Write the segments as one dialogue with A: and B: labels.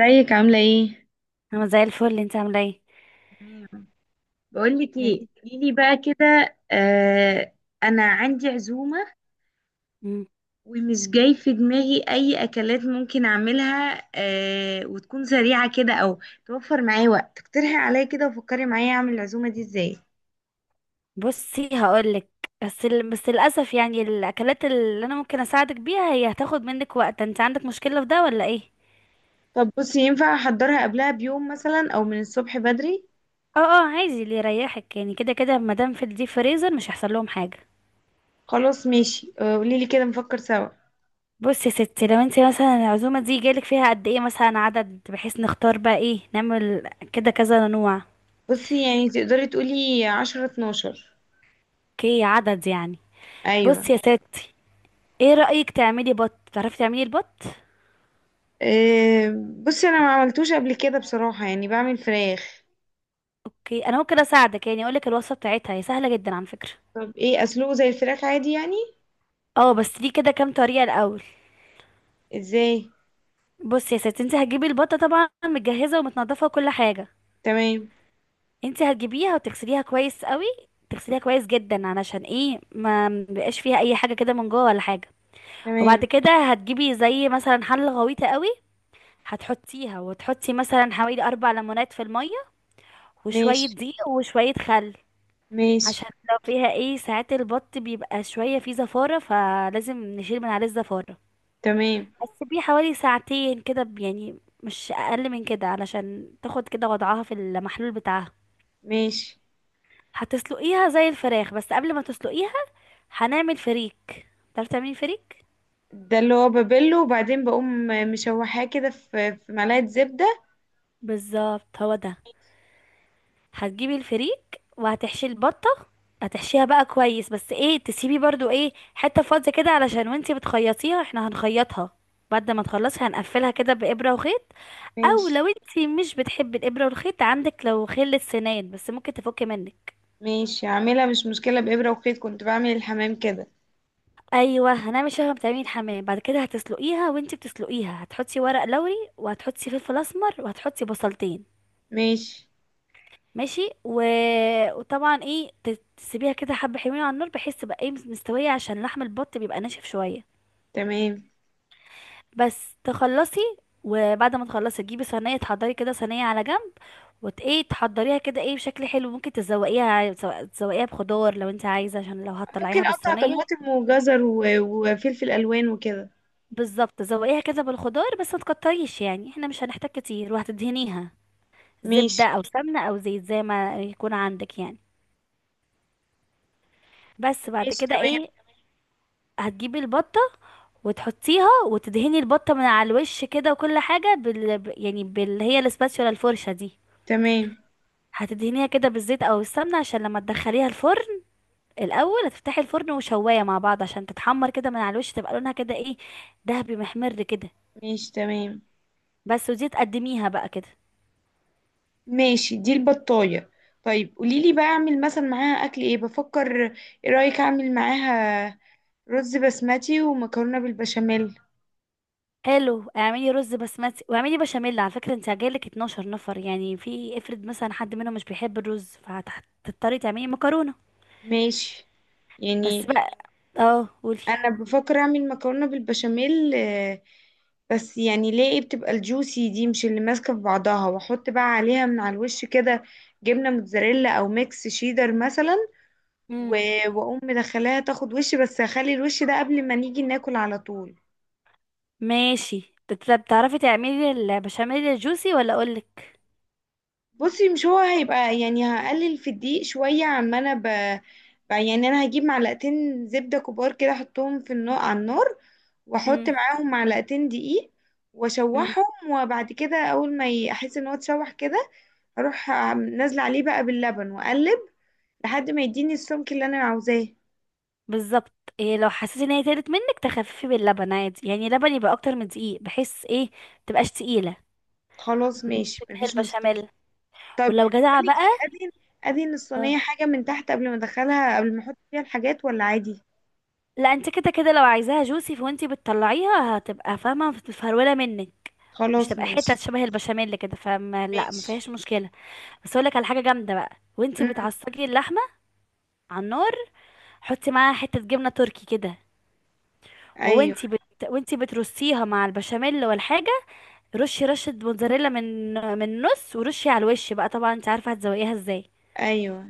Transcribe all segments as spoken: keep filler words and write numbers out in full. A: ازيك عاملة ايه؟
B: انا زي الفل، انت عامله ايه؟
A: تمام. بقول لك ايه،
B: قولي.
A: قولي لي بقى كده آه انا عندي عزومه،
B: مم.
A: ومش جاي في دماغي اي اكلات ممكن اعملها آه وتكون سريعه كده، او توفر معايا وقت. اقترحي عليا كده وفكري معايا اعمل العزومه دي ازاي.
B: بصي هقولك. بس ال... بس للاسف، يعني الاكلات اللي انا ممكن اساعدك بيها هي هتاخد منك وقت. انت عندك مشكله في ده ولا ايه؟
A: طب بصي، ينفع احضرها قبلها بيوم مثلا او من الصبح بدري؟
B: اه اه، عادي اللي يريحك. يعني كده كده مادام في الديب فريزر مش هيحصل لهم حاجه.
A: خلاص ماشي، آه، قوليلي كده نفكر سوا.
B: بصي يا ستي، لو انت مثلا العزومه دي جالك فيها قد ايه مثلا عدد، بحيث نختار بقى ايه نعمل كده كذا نوع.
A: بصي يعني تقدري تقولي عشرة اتناشر.
B: اوكي، عدد يعني.
A: ايوه.
B: بصي يا ستي، ايه رايك تعملي بط؟ تعرفي تعملي البط؟
A: آه، بصي انا ما عملتوش قبل كده بصراحة، يعني بعمل فراخ.
B: اوكي، انا ممكن اساعدك. يعني اقولك الوصفه بتاعتها هي سهله جدا على فكره.
A: طب ايه اسلوه زي الفراخ عادي يعني؟
B: اه بس دي كده كام طريقه الاول.
A: ازاي.
B: بصي يا ستي، انت هتجيبي البطه طبعا متجهزه ومتنضفه وكل حاجه.
A: تمام.
B: انت هتجيبيها وتغسليها كويس قوي. تغسليها كويس جدا، علشان ايه، ما مبقاش فيها اي حاجه كده من جوه ولا حاجه. وبعد
A: تمام.
B: كده هتجيبي زي مثلا حله غويطه قوي. هتحطيها وتحطي مثلا حوالي اربع ليمونات في الميه، وشويه
A: ماشي.
B: دقيق وشويه خل.
A: ماشي.
B: عشان لو فيها ايه، ساعات البط بيبقى شوية فيه زفارة، فلازم نشيل من عليه الزفارة.
A: تمام.
B: هتسيبيه حوالي ساعتين كده، ب- يعني مش اقل من كده، علشان تاخد كده وضعها في المحلول بتاعها.
A: ماشي،
B: هتسلقيها زي الفراخ، بس قبل ما تسلقيها هنعمل فريك. تعرفي تعملي فريك؟
A: ده اللي هو ببله وبعدين بقوم مشوحاه كده في في معلقة زبدة.
B: بالظبط هو ده. هتجيبي الفريك وهتحشي البطة. هتحشيها بقى كويس، بس ايه، تسيبي برضو ايه حتة فاضية كده، علشان وانتي بتخيطيها، احنا هنخيطها. بعد ما تخلصي هنقفلها كده بإبرة وخيط. او
A: ماشي.
B: لو انتي مش بتحبي الابره والخيط، عندك لو خل السنان بس ممكن تفك منك.
A: ماشي، عاملها مش مشكلة بإبرة وخيط، كنت بعمل الحمام كده.
B: ايوه، هنعمل شبه ما بتعملي الحمام. بعد كده هتسلقيها، وانتي بتسلقيها هتحطي ورق لوري، وهتحطي فلفل اسمر، وهتحطي بصلتين.
A: ماشي
B: ماشي و... وطبعا ايه، ت- تسيبيها كده حبه حلوين على النار، بحيث تبقى ايه مستويه، عشان لحم البط بيبقى ناشف شويه.
A: تمام.
B: بس تخلصي. وبعد ما تخلصي، تجيبي صينيه، تحضري كده صينيه على جنب. وت ايه، تحضريها كده ايه، بشكل حلو، ممكن تزوقيها، تزو- تزوقيها بخضار لو انت عايزه، عشان لو هتطلعيها
A: ممكن اقطع
B: بالصينيه.
A: طماطم وجزر و- وفلفل الوان وكده.
B: بالظبط، تزوقيها كده بالخضار، بس ما تكتريش، يعني احنا مش هنحتاج كتير. وهتدهنيها زبده
A: ماشي.
B: او سمنه او زيت، زي ما يكون عندك يعني. بس بعد
A: ماشي
B: كده
A: تمام.
B: ايه، هتجيبي البطه وتحطيها، وتدهني البطه من على الوش كده وكل حاجه بال... ب- يعني بال، هي الاسباتشولا، الفرشه دي.
A: تمام.
B: هتدهنيها كده بالزيت او السمنه، عشان لما تدخليها الفرن. الاول هتفتحي الفرن وشوايه مع بعض، عشان تتحمر كده من على الوش، تبقى لونها كده ايه، دهبي محمر كده.
A: ماشي تمام.
B: بس ودي تقدميها بقى كده.
A: ماشي دي البطاية. طيب قوليلي بقى، اعمل مثلا معاها اكل ايه؟ بفكر ايه رأيك اعمل معاها رز بسمتي ومكرونة بالبشاميل.
B: حلو، اعملي رز بسمتي واعملي بشاميل. على فكره انت جايلك اتناشر نفر، يعني في افرض مثلا حد منهم مش بيحب الرز، فهتضطري تعملي مكرونه.
A: ماشي
B: بس
A: يعني.
B: بقى اه قولي.
A: انا بفكر اعمل مكرونة بالبشاميل، آه، بس يعني ليه إيه بتبقى الجوسي دي مش اللي ماسكة في بعضها، واحط بقى عليها من على الوش كده جبنة موتزاريلا او ميكس شيدر مثلا. و-
B: امم
A: واقوم مدخلاها تاخد وش بس، هخلي الوش ده قبل ما نيجي ناكل على طول.
B: ماشي، بت- بتعرفي تعملي البشاميل الجوسي ولا اقولك؟
A: بصي مش هو هيبقى يعني، هقلل في الدقيق شوية عما انا ب... ب... يعني انا هجيب معلقتين زبدة كبار كده احطهم في النار على النار، واحط
B: امم
A: معاهم معلقتين دقيق واشوحهم، وبعد كده اول ما ي- احس ان هو اتشوح كده، اروح عم- نازلة عليه بقى باللبن واقلب لحد ما يديني السمك اللي انا عاوزاه.
B: بالظبط. إيه، لو حسيتي ان هي تقلت منك، تخففي باللبن عادي، يعني لبن يبقى اكتر من دقيق، بحيث ايه، متبقاش تقيله،
A: خلاص ماشي،
B: شبه
A: مفيش مشكلة.
B: البشاميل.
A: طب
B: ولو جدعه
A: بقولك ايه،
B: بقى
A: ادهن ادهن
B: اه.
A: الصينية حاجة من تحت قبل ما ادخلها، قبل ما احط فيها الحاجات ولا عادي؟
B: لا، انت كده كده لو عايزاها جوسي، فوانتي بتطلعيها هتبقى فاهمه متفروله منك. مش
A: خلاص
B: تبقى حتت
A: ماشي.
B: شبه البشاميل كده، فما لا، ما فيهاش
A: ماشي.
B: مشكله. بس اقول لك على حاجه جامده بقى، وانتي
A: امم.
B: بتعصجي اللحمه على النار، حطي معاها حته جبنه تركي كده.
A: ايوه.
B: وانتي بت... وانتي بترصيها مع البشاميل والحاجه، رشي رشة موتزاريلا من من النص، ورشي على الوش بقى. طبعا انت عارفة هتزوقيها ازاي.
A: ايوه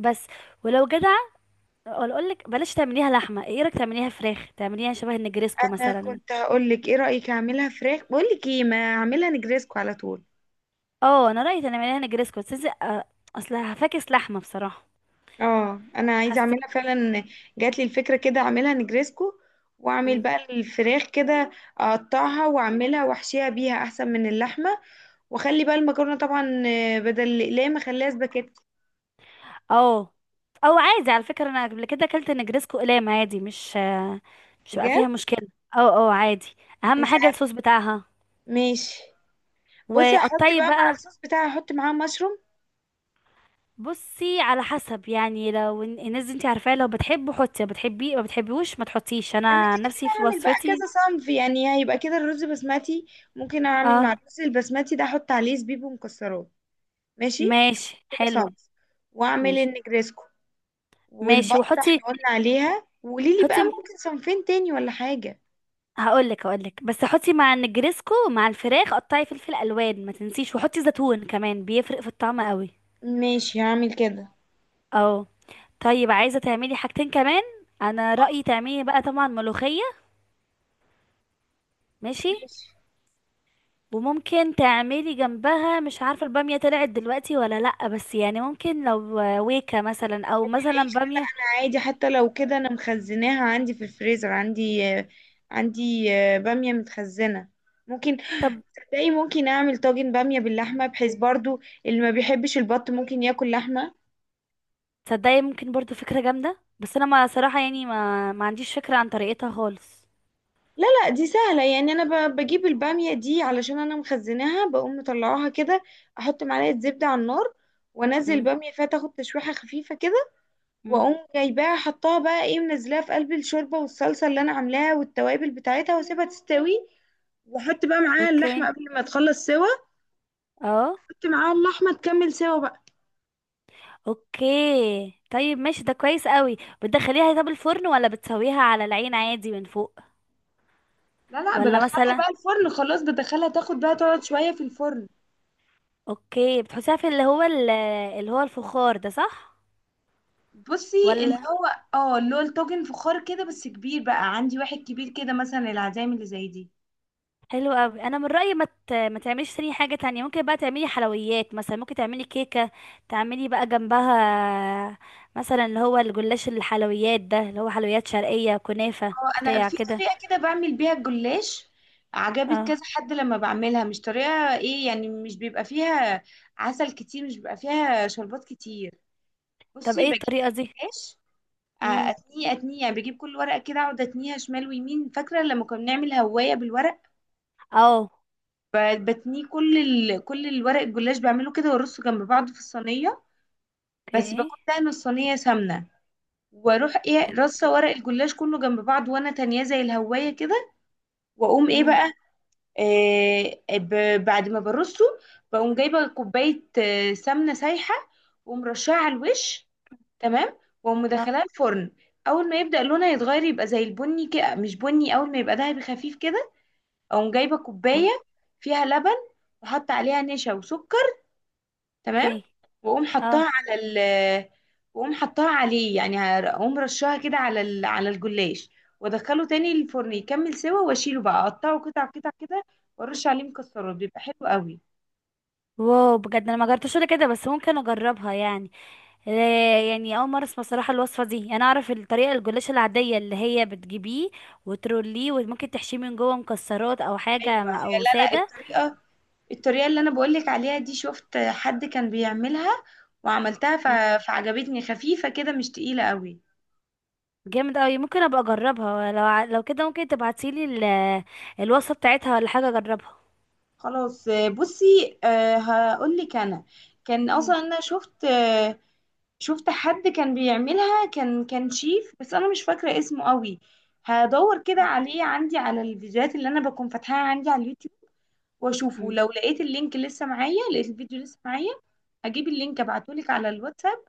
B: بس، ولو جدعة، ولا اقولك بلاش تعمليها لحمة. ايه رأيك تعمليها فراخ، تعمليها شبه النجريسكو
A: انا
B: مثلا؟
A: كنت هقول لك، ايه رايك اعملها فراخ؟ بقول لك ايه، ما اعملها نجريسكو على طول.
B: اه، انا رأيي تعمليها نجريسكو. بس إذا- آه، اصل هفاكس لحمة بصراحة،
A: اه انا عايزه
B: حاسة.
A: اعملها فعلا، جات لي الفكره كده اعملها نجريسكو، واعمل
B: مم.
A: بقى الفراخ كده اقطعها واعملها واحشيها بيها احسن من اللحمه. واخلي بقى المكرونه طبعا، آه، بدل الاقلام اخليها سباكيت.
B: اه، او عادي. على فكرة انا قبل كده اكلت نجريسكو قلام عادي، مش آه، مش بقى
A: بجد.
B: فيها مشكلة. اه اه، عادي. اهم
A: مش
B: حاجة
A: عارف-
B: الصوص بتاعها.
A: ماشي. بصي هحط
B: وقطعي
A: بقى مع
B: بقى.
A: الصوص بتاعي، هحط معاه مشروم.
B: بصي على حسب، يعني لو ال- الناس دي انت عارفاه، لو بتحبه حطي، لو بتحبيه ما بتحبيهوش ما تحطيش.
A: انا
B: انا
A: كده كده
B: نفسي في
A: هعمل بقى
B: وصفتي
A: كذا صنف، يعني هيبقى كده الرز بسمتي. ممكن اعمل مع
B: اه.
A: الرز البسمتي ده احط عليه زبيب ومكسرات. ماشي.
B: ماشي،
A: كده
B: حلو.
A: صنف. واعمل
B: ماشي
A: النجريسكو.
B: ماشي،
A: والبطه
B: وحطي.
A: احنا قلنا عليها، وقوليلي بقى
B: حطي.
A: ممكن صنفين تاني ولا حاجه.
B: هقولك هقولك، بس حطي مع النجريسكو مع الفراخ، قطعي فلفل الوان ما تنسيش، وحطي زيتون كمان، بيفرق في الطعم قوي.
A: ماشي هعمل كده.
B: اه. طيب، عايزه تعملي حاجتين كمان. انا رايي تعملي بقى طبعا ملوخيه. ماشي.
A: ماشي.
B: وممكن تعملي جنبها، مش عارفة البامية طلعت دلوقتي ولا لأ، بس يعني ممكن لو، ويكا مثلا او
A: العيش
B: مثلا
A: لا لا،
B: بامية.
A: انا عادي حتى لو كده، انا مخزناها عندي في الفريزر، عندي آه، عندي آه، باميه متخزنه. ممكن
B: طب
A: تلاقي ممكن اعمل طاجن باميه باللحمه، بحيث برضو اللي ما بيحبش البط ممكن ياكل لحمه.
B: تصدقي، ممكن برضو فكرة جامدة، بس انا ما صراحة، يعني ما ما عنديش فكرة عن طريقتها خالص.
A: لا لا دي سهلة يعني. أنا ب- بجيب البامية دي علشان أنا مخزناها، بقوم مطلعاها كده، أحط معلقة زبدة على النار وأنزل
B: مم.
A: البامية فيها تاخد تشويحة خفيفة كده،
B: مم.
A: وأقوم جايباها حطاها بقى إيه منزلاها في قلب الشوربة والصلصة اللي أنا عاملاها والتوابل بتاعتها، وأسيبها تستوي، وأحط بقى معاها اللحمة
B: اوكي
A: قبل ما تخلص سوا.
B: اه.
A: أحط معاها اللحمة تكمل سوا بقى.
B: اوكي، طيب ماشي، ده كويس قوي. بتدخليها طب الفرن ولا بتسويها على العين عادي من فوق؟
A: لا لا
B: ولا
A: بدخلها
B: مثلا.
A: بقى الفرن، خلاص بدخلها تاخد بقى، تقعد شوية في الفرن.
B: اوكي، بتحطيها في اللي هو ال- اللي هو الفخار ده، صح؟
A: بصي اللي
B: ولا.
A: هو، اه اللي هو الطاجن فخار كده بس كبير، بقى عندي واحد كبير كده مثلا، العزايم اللي زي دي.
B: حلو قوي، انا من رايي ما ت- ما تعمليش تاني حاجه تانية. ممكن بقى تعملي حلويات، مثلا ممكن تعملي كيكه، تعملي بقى جنبها، مثلا اللي هو الجلاش، الحلويات ده اللي هو حلويات شرقيه، كنافه
A: اه، انا
B: بتاع
A: في
B: كده
A: طريقه كده بعمل بيها الجلاش، عجبت
B: اه.
A: كذا حد لما بعملها. مش طريقه ايه يعني، مش بيبقى فيها عسل كتير، مش بيبقى فيها شربات كتير.
B: طب
A: بصي،
B: ايه
A: بجيب
B: الطريقه دي؟
A: جلاش، آه،
B: امم
A: اتنيه اتنيه يعني، بجيب كل ورقه كده اقعد اتنيها شمال ويمين، فاكره لما كنا بنعمل هوايه بالورق؟
B: اه.
A: ب- بتنيه كل ال... كل الورق الجلاش بعمله كده وارصه جنب بعض في الصينيه. بس
B: اوكي.
A: بكون دهن الصينيه سمنه، واروح ايه رصه
B: اوكي.
A: ورق الجلاش كله جنب بعض، وانا تانية زي الهوايه كده. واقوم ايه
B: امم
A: بقى، آه ب- بعد ما برصه بقوم جايبه كوبايه، آه، سمنه سايحه، ومرشاها على الوش. تمام. واقوم
B: اه.
A: مدخلاه الفرن. اول ما يبدا لونها يتغير يبقى زي البني كده، مش بني، اول ما يبقى دهبي خفيف كده اقوم جايبه
B: آه،
A: كوبايه فيها لبن، وحط عليها نشا وسكر. تمام.
B: اوكي.
A: واقوم حطاها
B: اه.
A: على ال... واقوم حطاها عليه يعني، هر- اقوم رشاها كده على ال... على الجلاش، وادخله تاني الفرن يكمل سوا، واشيله بقى اقطعه قطع قطع كده، وارش عليه مكسرات. بيبقى حلو قوي.
B: واو، بجد انا ما جربتش ولا كده، بس ممكن اجربها يعني. آه، يعني اول مره اسمع صراحه الوصفه دي. انا اعرف الطريقه الجلاش العاديه اللي هي بتجيبيه وتروليه، وممكن تحشيه من جوه مكسرات او حاجه،
A: ايوه
B: م-
A: هي-
B: او
A: لا لا
B: ساده.
A: الطريقه، الطريقه اللي انا بقولك عليها دي شفت حد كان بيعملها وعملتها ف...
B: مم.
A: فعجبتني، خفيفه كده مش تقيله قوي.
B: جامد قوي، ممكن ابقى اجربها. لو ع- لو كده، ممكن تبعتيلي ال- الوصفه بتاعتها ولا حاجه، اجربها.
A: خلاص، آه، بصي، آه، هقولك انا، كان
B: مم.
A: اصلا انا شفت، آه، شفت حد كان بيعملها، كان كان شيف بس انا مش فاكره اسمه قوي. هدور كده عليه عندي على الفيديوهات اللي انا بكون فاتحاها عندي على اليوتيوب واشوفه،
B: مم.
A: لو لقيت اللينك لسه معايا، لقيت الفيديو لسه معايا، هجيب اللينك ابعتهولك على الواتساب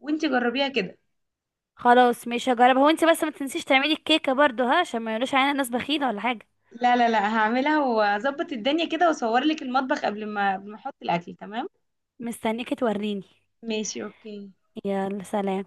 A: وانتي جربيها كده.
B: خلاص، مش هجربها. وانتي بس ما تنسيش تعملي الكيكه برضو ها، عشان ما يقولوش علينا ناس بخيله ولا حاجه.
A: لا لا لا هعملها، واظبط الدنيا كده واصور لك المطبخ قبل ما قبل ما احط الاكل. تمام.
B: مستنيكي توريني.
A: ماشي اوكي.
B: يلا سلام.